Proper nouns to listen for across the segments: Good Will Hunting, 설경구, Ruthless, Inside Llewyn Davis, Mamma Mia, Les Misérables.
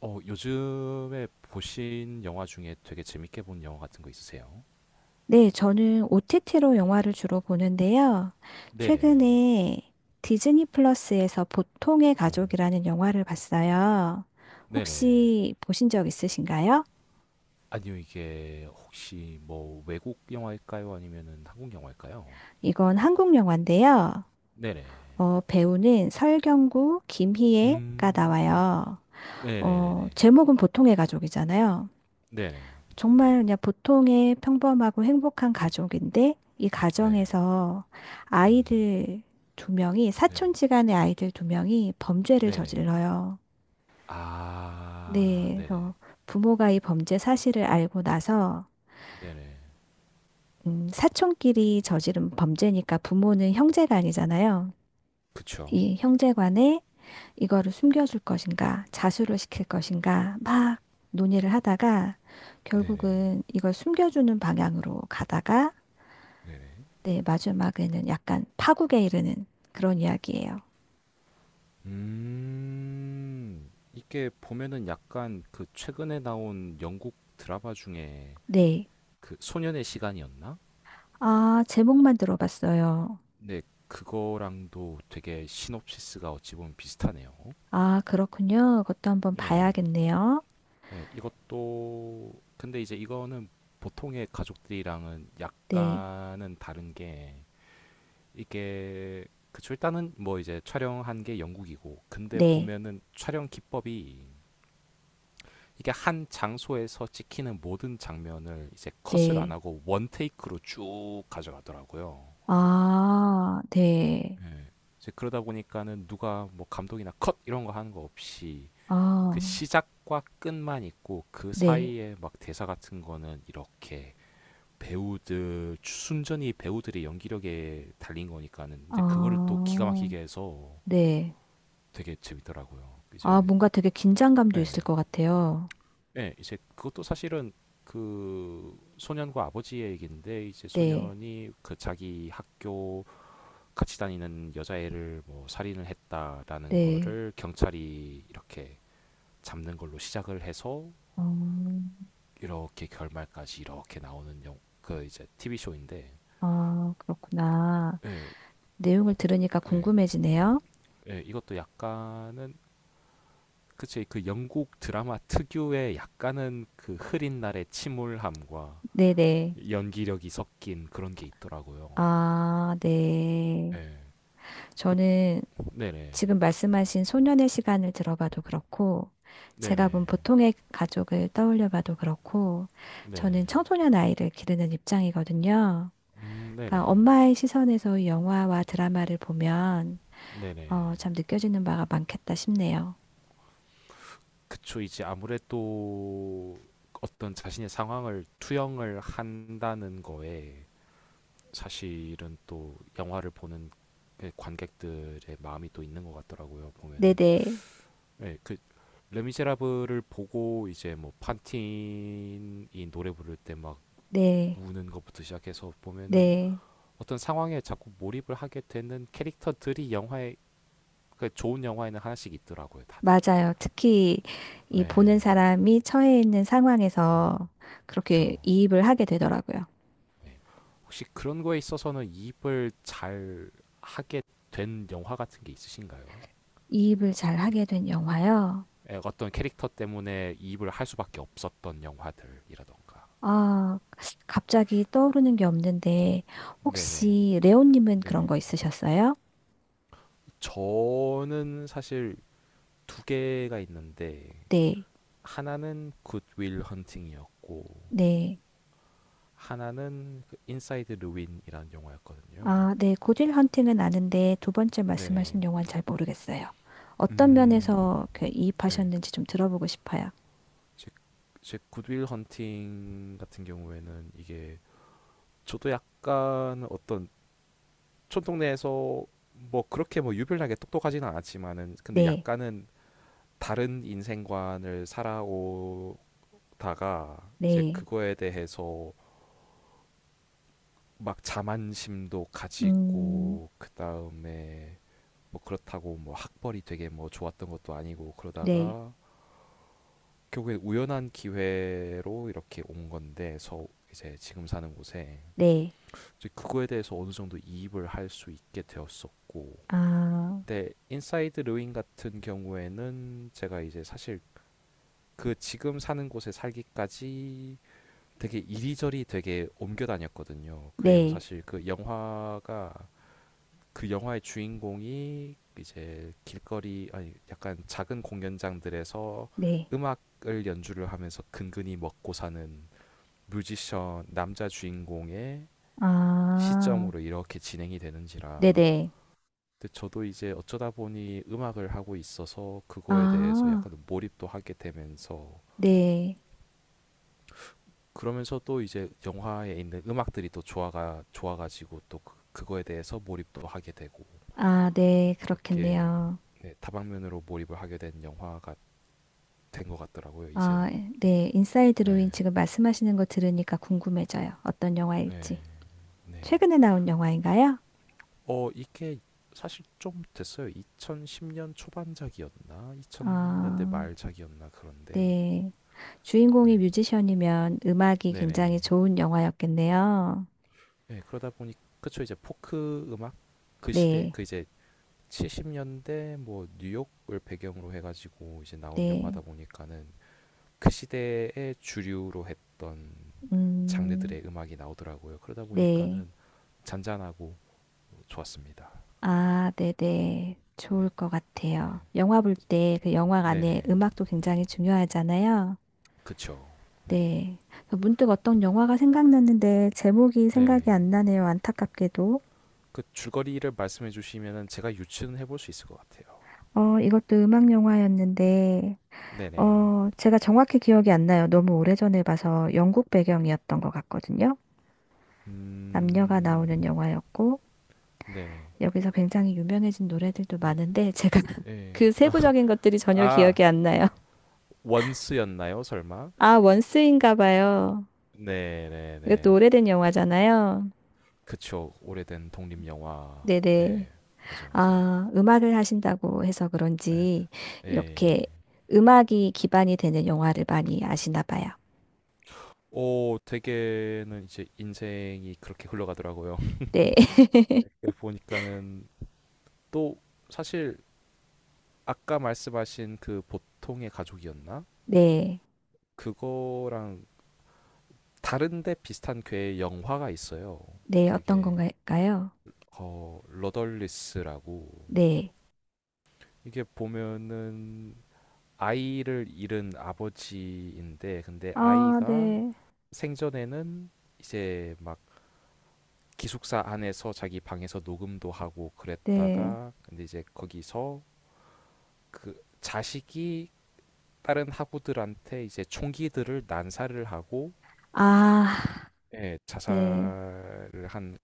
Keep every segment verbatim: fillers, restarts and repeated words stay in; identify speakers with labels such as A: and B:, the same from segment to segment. A: 어, 요즘에 보신 영화 중에 되게 재밌게 본 영화 같은 거 있으세요?
B: 네, 저는 오티티로 영화를 주로 보는데요.
A: 네네.
B: 최근에 디즈니 플러스에서 보통의
A: 어,
B: 가족이라는 영화를 봤어요.
A: 네네.
B: 혹시 보신 적 있으신가요?
A: 아니요, 이게 혹시 뭐 외국 영화일까요? 아니면은 한국 영화일까요?
B: 이건 한국 영화인데요.
A: 네네.
B: 어, 배우는 설경구, 김희애가
A: 음, 음,
B: 나와요. 어,
A: 네네네네.
B: 제목은 보통의 가족이잖아요.
A: 네네.
B: 정말 그냥 보통의 평범하고 행복한 가족인데 이
A: 네네.
B: 가정에서
A: 음,
B: 아이들 두 명이
A: 네네.
B: 사촌지간의 아이들 두 명이 범죄를
A: 네네.
B: 저질러요.
A: 아,
B: 네,
A: 네네.
B: 그래서 부모가 이 범죄 사실을 알고 나서
A: 네네.
B: 음, 사촌끼리 저지른 범죄니까 부모는 형제간이잖아요.
A: 그쵸?
B: 이 형제간에 이거를 숨겨줄 것인가, 자수를 시킬 것인가 막 논의를 하다가
A: 네네.
B: 결국은 이걸 숨겨주는 방향으로 가다가
A: 네네.
B: 네, 마지막에는 약간 파국에 이르는 그런 이야기예요.
A: 음, 이게 보면은 약간 그 최근에 나온 영국 드라마 중에
B: 네.
A: 그 소년의 시간이었나?
B: 아, 제목만 들어봤어요.
A: 네, 그거랑도 되게 시놉시스가 어찌 보면 비슷하네요.
B: 아, 그렇군요. 그것도 한번
A: 예,
B: 봐야겠네요.
A: 예, 이것도, 근데 이제 이거는 보통의 가족들이랑은
B: 네,
A: 약간은 다른 게 이게, 그쵸, 일단은 뭐 이제 촬영한 게 영국이고, 근데
B: 네,
A: 보면은 촬영 기법이 이게 한 장소에서 찍히는 모든 장면을 이제 컷을 안
B: 네.
A: 하고 원 테이크로 쭉 가져가더라고요.
B: 아, 네.
A: 네. 이제 그러다 보니까는 누가 뭐 감독이나 컷 이런 거 하는 거 없이 그
B: 아,
A: 시작과 끝만 있고 그
B: 네.
A: 사이에 막 대사 같은 거는 이렇게 배우들 순전히 배우들의 연기력에 달린 거니까는 이제 그거를 또 기가
B: 아,
A: 막히게 해서
B: 네.
A: 되게 재밌더라고요.
B: 아,
A: 이제
B: 뭔가 되게 긴장감도
A: 네.
B: 있을 것 같아요.
A: 예, 이제 그것도 사실은 그 소년과 아버지의 얘기인데 이제
B: 네,
A: 소년이 그 자기 학교 같이 다니는 여자애를 뭐 살인을 했다라는
B: 네.
A: 거를 경찰이 이렇게 잡는 걸로 시작을 해서
B: 어,
A: 이렇게 결말까지 이렇게 나오는 영, 그 이제 티비 쇼인데
B: 아, 그렇구나.
A: 예,
B: 내용을 들으니까
A: 그 예,
B: 궁금해지네요.
A: 예, 이것도 약간은 그치 그 영국 드라마 특유의 약간은 그 흐린 날의 침울함과
B: 네네.
A: 연기력이 섞인 그런 게 있더라고요.
B: 아, 네.
A: 예. 그
B: 저는
A: 네네.
B: 지금 말씀하신 소년의 시간을 들어봐도 그렇고, 제가 본
A: 네네.
B: 보통의 가족을 떠올려봐도 그렇고,
A: 네네.
B: 저는 청소년 아이를 기르는 입장이거든요.
A: 음,
B: 그러니까
A: 네네.
B: 엄마의 시선에서 이 영화와 드라마를 보면,
A: 네네.
B: 어, 참 느껴지는 바가 많겠다 싶네요.
A: 그쵸. 이제 아무래도 어떤 자신의 상황을 투영을 한다는 거에 사실은 또 영화를 보는 그 관객들의 마음이 또 있는 것 같더라고요.
B: 네네,
A: 보면은.
B: 네,
A: 네, 그 레미제라블을 보고 이제 뭐 판틴이 노래 부를 때 막
B: 네,
A: 우는 것부터 시작해서 보면은
B: 네.
A: 어떤 상황에 자꾸 몰입을 하게 되는 캐릭터들이 영화에 그 좋은 영화에는 하나씩 있더라고요, 다들.
B: 맞아요. 특히 이
A: 네,
B: 보는 사람이 처해 있는 상황에서 그렇게
A: 그렇죠.
B: 이입을 하게 되더라고요.
A: 네. 혹시 그런 거에 있어서는 이입을 잘 하게 된 영화 같은 게 있으신가요?
B: 이입을 잘 하게 된 영화요.
A: 예, 어떤 캐릭터 때문에 이입을 할 수밖에 없었던 영화들이라던가.
B: 아, 갑자기 떠오르는 게 없는데,
A: 네네.
B: 혹시 레오님은 그런
A: 네네.
B: 거 있으셨어요?
A: 저는 사실 두 개가 있는데
B: 네,
A: 하나는 굿윌 헌팅이었고
B: 네.
A: 하나는 그 인사이드 루 n 이라는 영화였거든요.
B: 아, 네. 고딜 헌팅은 아는데 두 번째
A: 네네.
B: 말씀하신 영화는 잘 모르겠어요. 어떤
A: 음,
B: 면에서 그
A: 네.
B: 이입하셨는지 좀 들어보고 싶어요.
A: 제, 제 굿윌 헌팅 같은 경우에는 이게 저도 약간 어떤 촌동네에서 뭐 그렇게 뭐 유별나게 똑똑하지는 않았지만은 근데
B: 네,
A: 약간은 다른 인생관을 살아오다가 이제
B: 네.
A: 그거에 대해서 막 자만심도
B: 음,
A: 가지고 그 다음에 뭐 그렇다고 뭐 학벌이 되게 뭐 좋았던 것도 아니고
B: 네,
A: 그러다가 결국에 우연한 기회로 이렇게 온 건데 서 이제 지금 사는 곳에
B: 네.
A: 그거에 대해서 어느 정도 이입을 할 수 있게 되었었고
B: 아,
A: 근데 인사이드 르윈 같은 경우에는 제가 이제 사실 그 지금 사는 곳에 살기까지 되게 이리저리 되게 옮겨 다녔거든요. 그리고
B: 네,
A: 사실 그 영화가 그 영화의 주인공이 이제 길거리 아니 약간 작은 공연장들에서
B: 네.
A: 음악을 연주를 하면서 근근히 먹고 사는 뮤지션 남자 주인공의
B: 아,
A: 시점으로 이렇게 진행이 되는지라
B: 네네.
A: 근데 저도 이제 어쩌다 보니 음악을 하고 있어서 그거에 대해서
B: 아,
A: 약간 몰입도 하게 되면서
B: 네.
A: 그러면서 또 이제 영화에 있는 음악들이 또 좋아가 좋아가지고 또 그, 그거에 대해서 몰입도 하게 되고
B: 아, 네.
A: 그렇게
B: 그렇겠네요.
A: 네, 다방면으로 몰입을 하게 된 영화가 된 것 같더라고요
B: 아,
A: 이제는
B: 네. 인사이드
A: 네,
B: 로인 지금 말씀하시는 거 들으니까 궁금해져요. 어떤
A: 네,
B: 영화일지.
A: 네.
B: 최근에 나온 영화인가요?
A: 어 이게 사실 좀 됐어요 이천십 년 초반작이었나 이천 년대
B: 아,
A: 말작이었나 그런데
B: 네.
A: 네.
B: 주인공이 뮤지션이면 음악이 굉장히
A: 네네
B: 좋은 영화였겠네요.
A: 예, 그러다 보니 그쵸 이제 포크 음악 그 시대
B: 네.
A: 그 이제 칠십 년대 뭐 뉴욕을 배경으로 해가지고 이제 나온
B: 네.
A: 영화다 보니까는 그 시대의 주류로 했던
B: 음,
A: 장르들의 음악이 나오더라고요. 그러다
B: 네.
A: 보니까는 잔잔하고 좋았습니다.
B: 아, 네네. 좋을
A: 네,
B: 것 같아요.
A: 네,
B: 영화 볼 때 그 영화 안에
A: 네네,
B: 음악도 굉장히 중요하잖아요.
A: 그쵸. 네,
B: 네. 문득 어떤 영화가 생각났는데 제목이 생각이
A: 네네.
B: 안 나네요. 안타깝게도.
A: 그 줄거리를 말씀해 주시면은 제가 유추는 해볼 수 있을 것 같아요.
B: 어, 이것도 음악 영화였는데,
A: 네네,
B: 어, 제가 정확히 기억이 안 나요. 너무 오래전에 봐서 영국 배경이었던 것 같거든요. 남녀가
A: 음,
B: 나오는 영화였고,
A: 네네,
B: 여기서 굉장히 유명해진 노래들도
A: 예,
B: 많은데, 제가
A: 예.
B: 그 세부적인 것들이 전혀
A: 아,
B: 기억이 안 나요.
A: 원스였나요, 설마?
B: 아, 원스인가 봐요.
A: 네, 네,
B: 이것도
A: 네.
B: 오래된 영화잖아요.
A: 그쵸. 오래된 독립 영화.
B: 네네.
A: 네, 맞아, 맞아.
B: 아, 음악을 하신다고 해서
A: 네.
B: 그런지, 이렇게
A: 네.
B: 음악이 기반이 되는 영화를 많이 아시나 봐요.
A: 오, 되게는 이제 인생이 그렇게 흘러가더라고요.
B: 네.
A: 네, 보니까는 또 사실 아까 말씀하신 그 보통의 가족이었나?
B: 네.
A: 그거랑 다른데 비슷한 괴의 영화가 있어요.
B: 네, 어떤
A: 그게
B: 건가요?
A: 어, 러덜리스라고
B: 네.
A: 이게 보면은 아이를 잃은 아버지인데 근데
B: 아,
A: 아이가
B: 네,
A: 생전에는 이제 막 기숙사 안에서 자기 방에서 녹음도 하고
B: 네,
A: 그랬다가 근데 이제 거기서 그 자식이 다른 학우들한테 이제 총기들을 난사를 하고
B: 아,
A: 예,
B: 네,
A: 자살을 한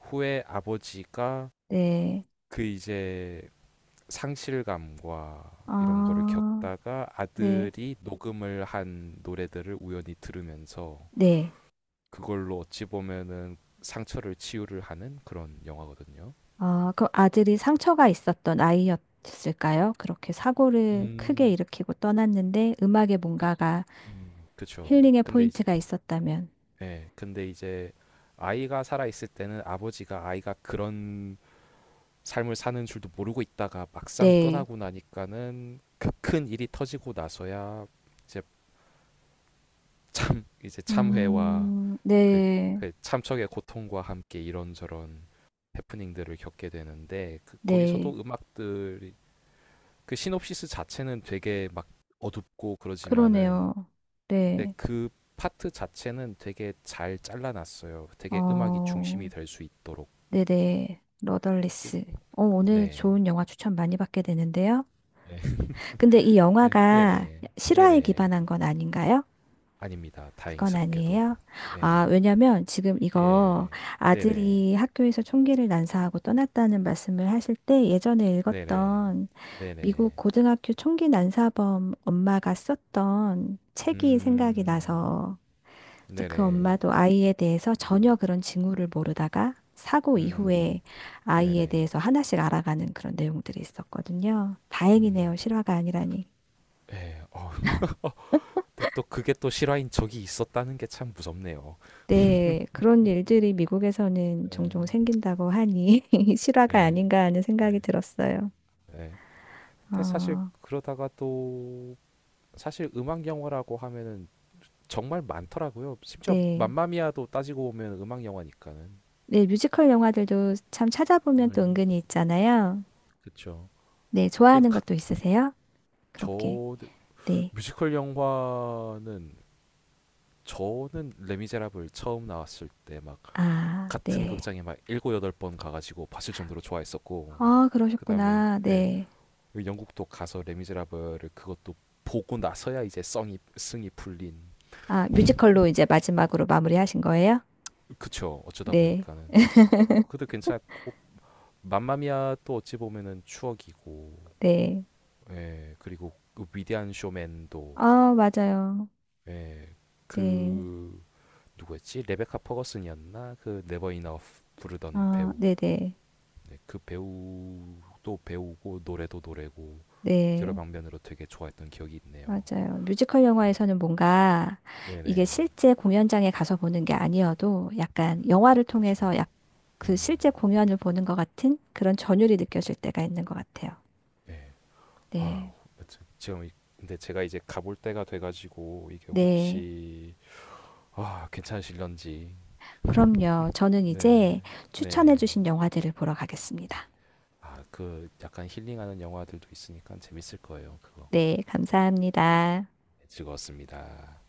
A: 후에 아버지가
B: 네,
A: 그 이제 상실감과 이런 거를
B: 아,
A: 겪다가
B: 네.
A: 아들이 녹음을 한 노래들을 우연히 들으면서
B: 네.
A: 그걸로 어찌 보면은 상처를 치유를 하는 그런 영화거든요.
B: 아, 그럼 아들이 상처가 있었던 아이였을까요? 그렇게 사고를 크게
A: 음,
B: 일으키고 떠났는데 음악에
A: 그,
B: 뭔가가
A: 음, 그쵸.
B: 힐링의
A: 근데 이제,
B: 포인트가 있었다면.
A: 예, 근데 이제 아이가 살아있을 때는 아버지가 아이가 그런 삶을 사는 줄도 모르고 있다가 막상
B: 네,
A: 떠나고 나니까는 그 큰 일이 터지고 나서야 이제 참, 이제 참회와
B: 음,
A: 그,
B: 네,
A: 그 참척의 고통과 함께 이런저런 해프닝들을 겪게 되는데 그,
B: 네,
A: 거기서도 음악들이 그 시놉시스 자체는 되게 막 어둡고 그러지만은
B: 그러네요.
A: 근데
B: 네,
A: 그 파트 자체는 되게 잘 잘라놨어요. 되게 음악이 중심이
B: 어,
A: 될 수 있도록.
B: 네네.
A: 꿀-
B: 러덜리스. 어, 오늘
A: 네.
B: 좋은 영화 추천 많이 받게 되는데요.
A: 네.
B: 근데 이
A: 네,
B: 영화가
A: 네네.
B: 실화에
A: 네네.
B: 기반한 건 아닌가요?
A: 아닙니다.
B: 그건
A: 다행스럽게도.
B: 아니에요. 아,
A: 예.
B: 왜냐면 지금 이거
A: 예. 네네.
B: 아들이 학교에서 총기를 난사하고 떠났다는 말씀을 하실 때 예전에
A: 네네.
B: 읽었던 미국
A: 네네.
B: 고등학교 총기 난사범 엄마가 썼던 책이 생각이
A: 음.
B: 나서 이제 그
A: 네네.
B: 엄마도 아이에 대해서
A: 음.
B: 전혀 그런 징후를 모르다가 사고
A: 음.
B: 이후에 아이에
A: 네네.
B: 대해서 하나씩 알아가는 그런 내용들이 있었거든요.
A: 음.
B: 다행이네요. 실화가 아니라니.
A: 예. 어. 어, 근데 또 그게 또 실화인 적이 있었다는 게 참 무섭네요.
B: 네, 그런 일들이 미국에서는 종종
A: 네.
B: 생긴다고 하니 실화가
A: 네.
B: 아닌가 하는
A: 네.
B: 생각이 들었어요.
A: 네. 근데 사실
B: 어,
A: 그러다가 또 사실 음악 영화라고 하면은 정말 많더라고요. 심지어
B: 네.
A: 맘마미아도 따지고 보면 음악 영화니까는.
B: 네, 뮤지컬 영화들도 참 찾아보면
A: 네.
B: 또 은근히 있잖아요.
A: 그쵸.
B: 네,
A: 근데
B: 좋아하는
A: 각,
B: 것도 있으세요? 그렇게.
A: 저
B: 네.
A: 뮤지컬 영화는 저는 레미제라블 처음 나왔을 때 막
B: 아,
A: 같은
B: 네.
A: 극장에 막 일곱 여덟 번 가가지고 봤을 정도로 좋아했었고
B: 아,
A: 그 다음에
B: 그러셨구나.
A: 예,
B: 네.
A: 그 영국도 가서 레미제라블을 그것도 보고 나서야 이제 성이 승이 풀린
B: 아, 뮤지컬로 이제 마지막으로 마무리하신 거예요?
A: 그쵸. 어쩌다
B: 네.
A: 보니까는. 그래도 괜찮고, 맘마미아 또 어찌 보면은 추억이고,
B: 네.
A: 예, 그리고 그 위대한 쇼맨도,
B: 아, 맞아요.
A: 예,
B: 네.
A: 그, 누구였지? 레베카 퍼거슨이었나? 그 네버 이너프 부르던
B: 아,
A: 배우.
B: 네네. 네.
A: 네, 그 배우도 배우고, 노래도 노래고, 여러
B: 네.
A: 방면으로 되게 좋아했던 기억이 있네요.
B: 맞아요. 뮤지컬 영화에서는 뭔가 이게
A: 네네.
B: 실제 공연장에 가서 보는 게 아니어도 약간 영화를
A: 그쵸.
B: 통해서 약 그
A: 음,
B: 실제 공연을 보는 것 같은 그런 전율이 느껴질 때가 있는 것 같아요.
A: 예. 아유,
B: 네.
A: 여튼 지금, 이- 근데 제가 이제 가볼 때가 돼가지고, 이게
B: 네.
A: 혹시, 아, 괜찮으실런지.
B: 그럼요. 저는
A: 네네.
B: 이제
A: 네네.
B: 추천해주신 영화들을 보러 가겠습니다.
A: 아, 그 약간 힐링하는 영화들도 있으니까 재밌을 거예요, 그거.
B: 네. 감사합니다.
A: 네, 즐거웠습니다.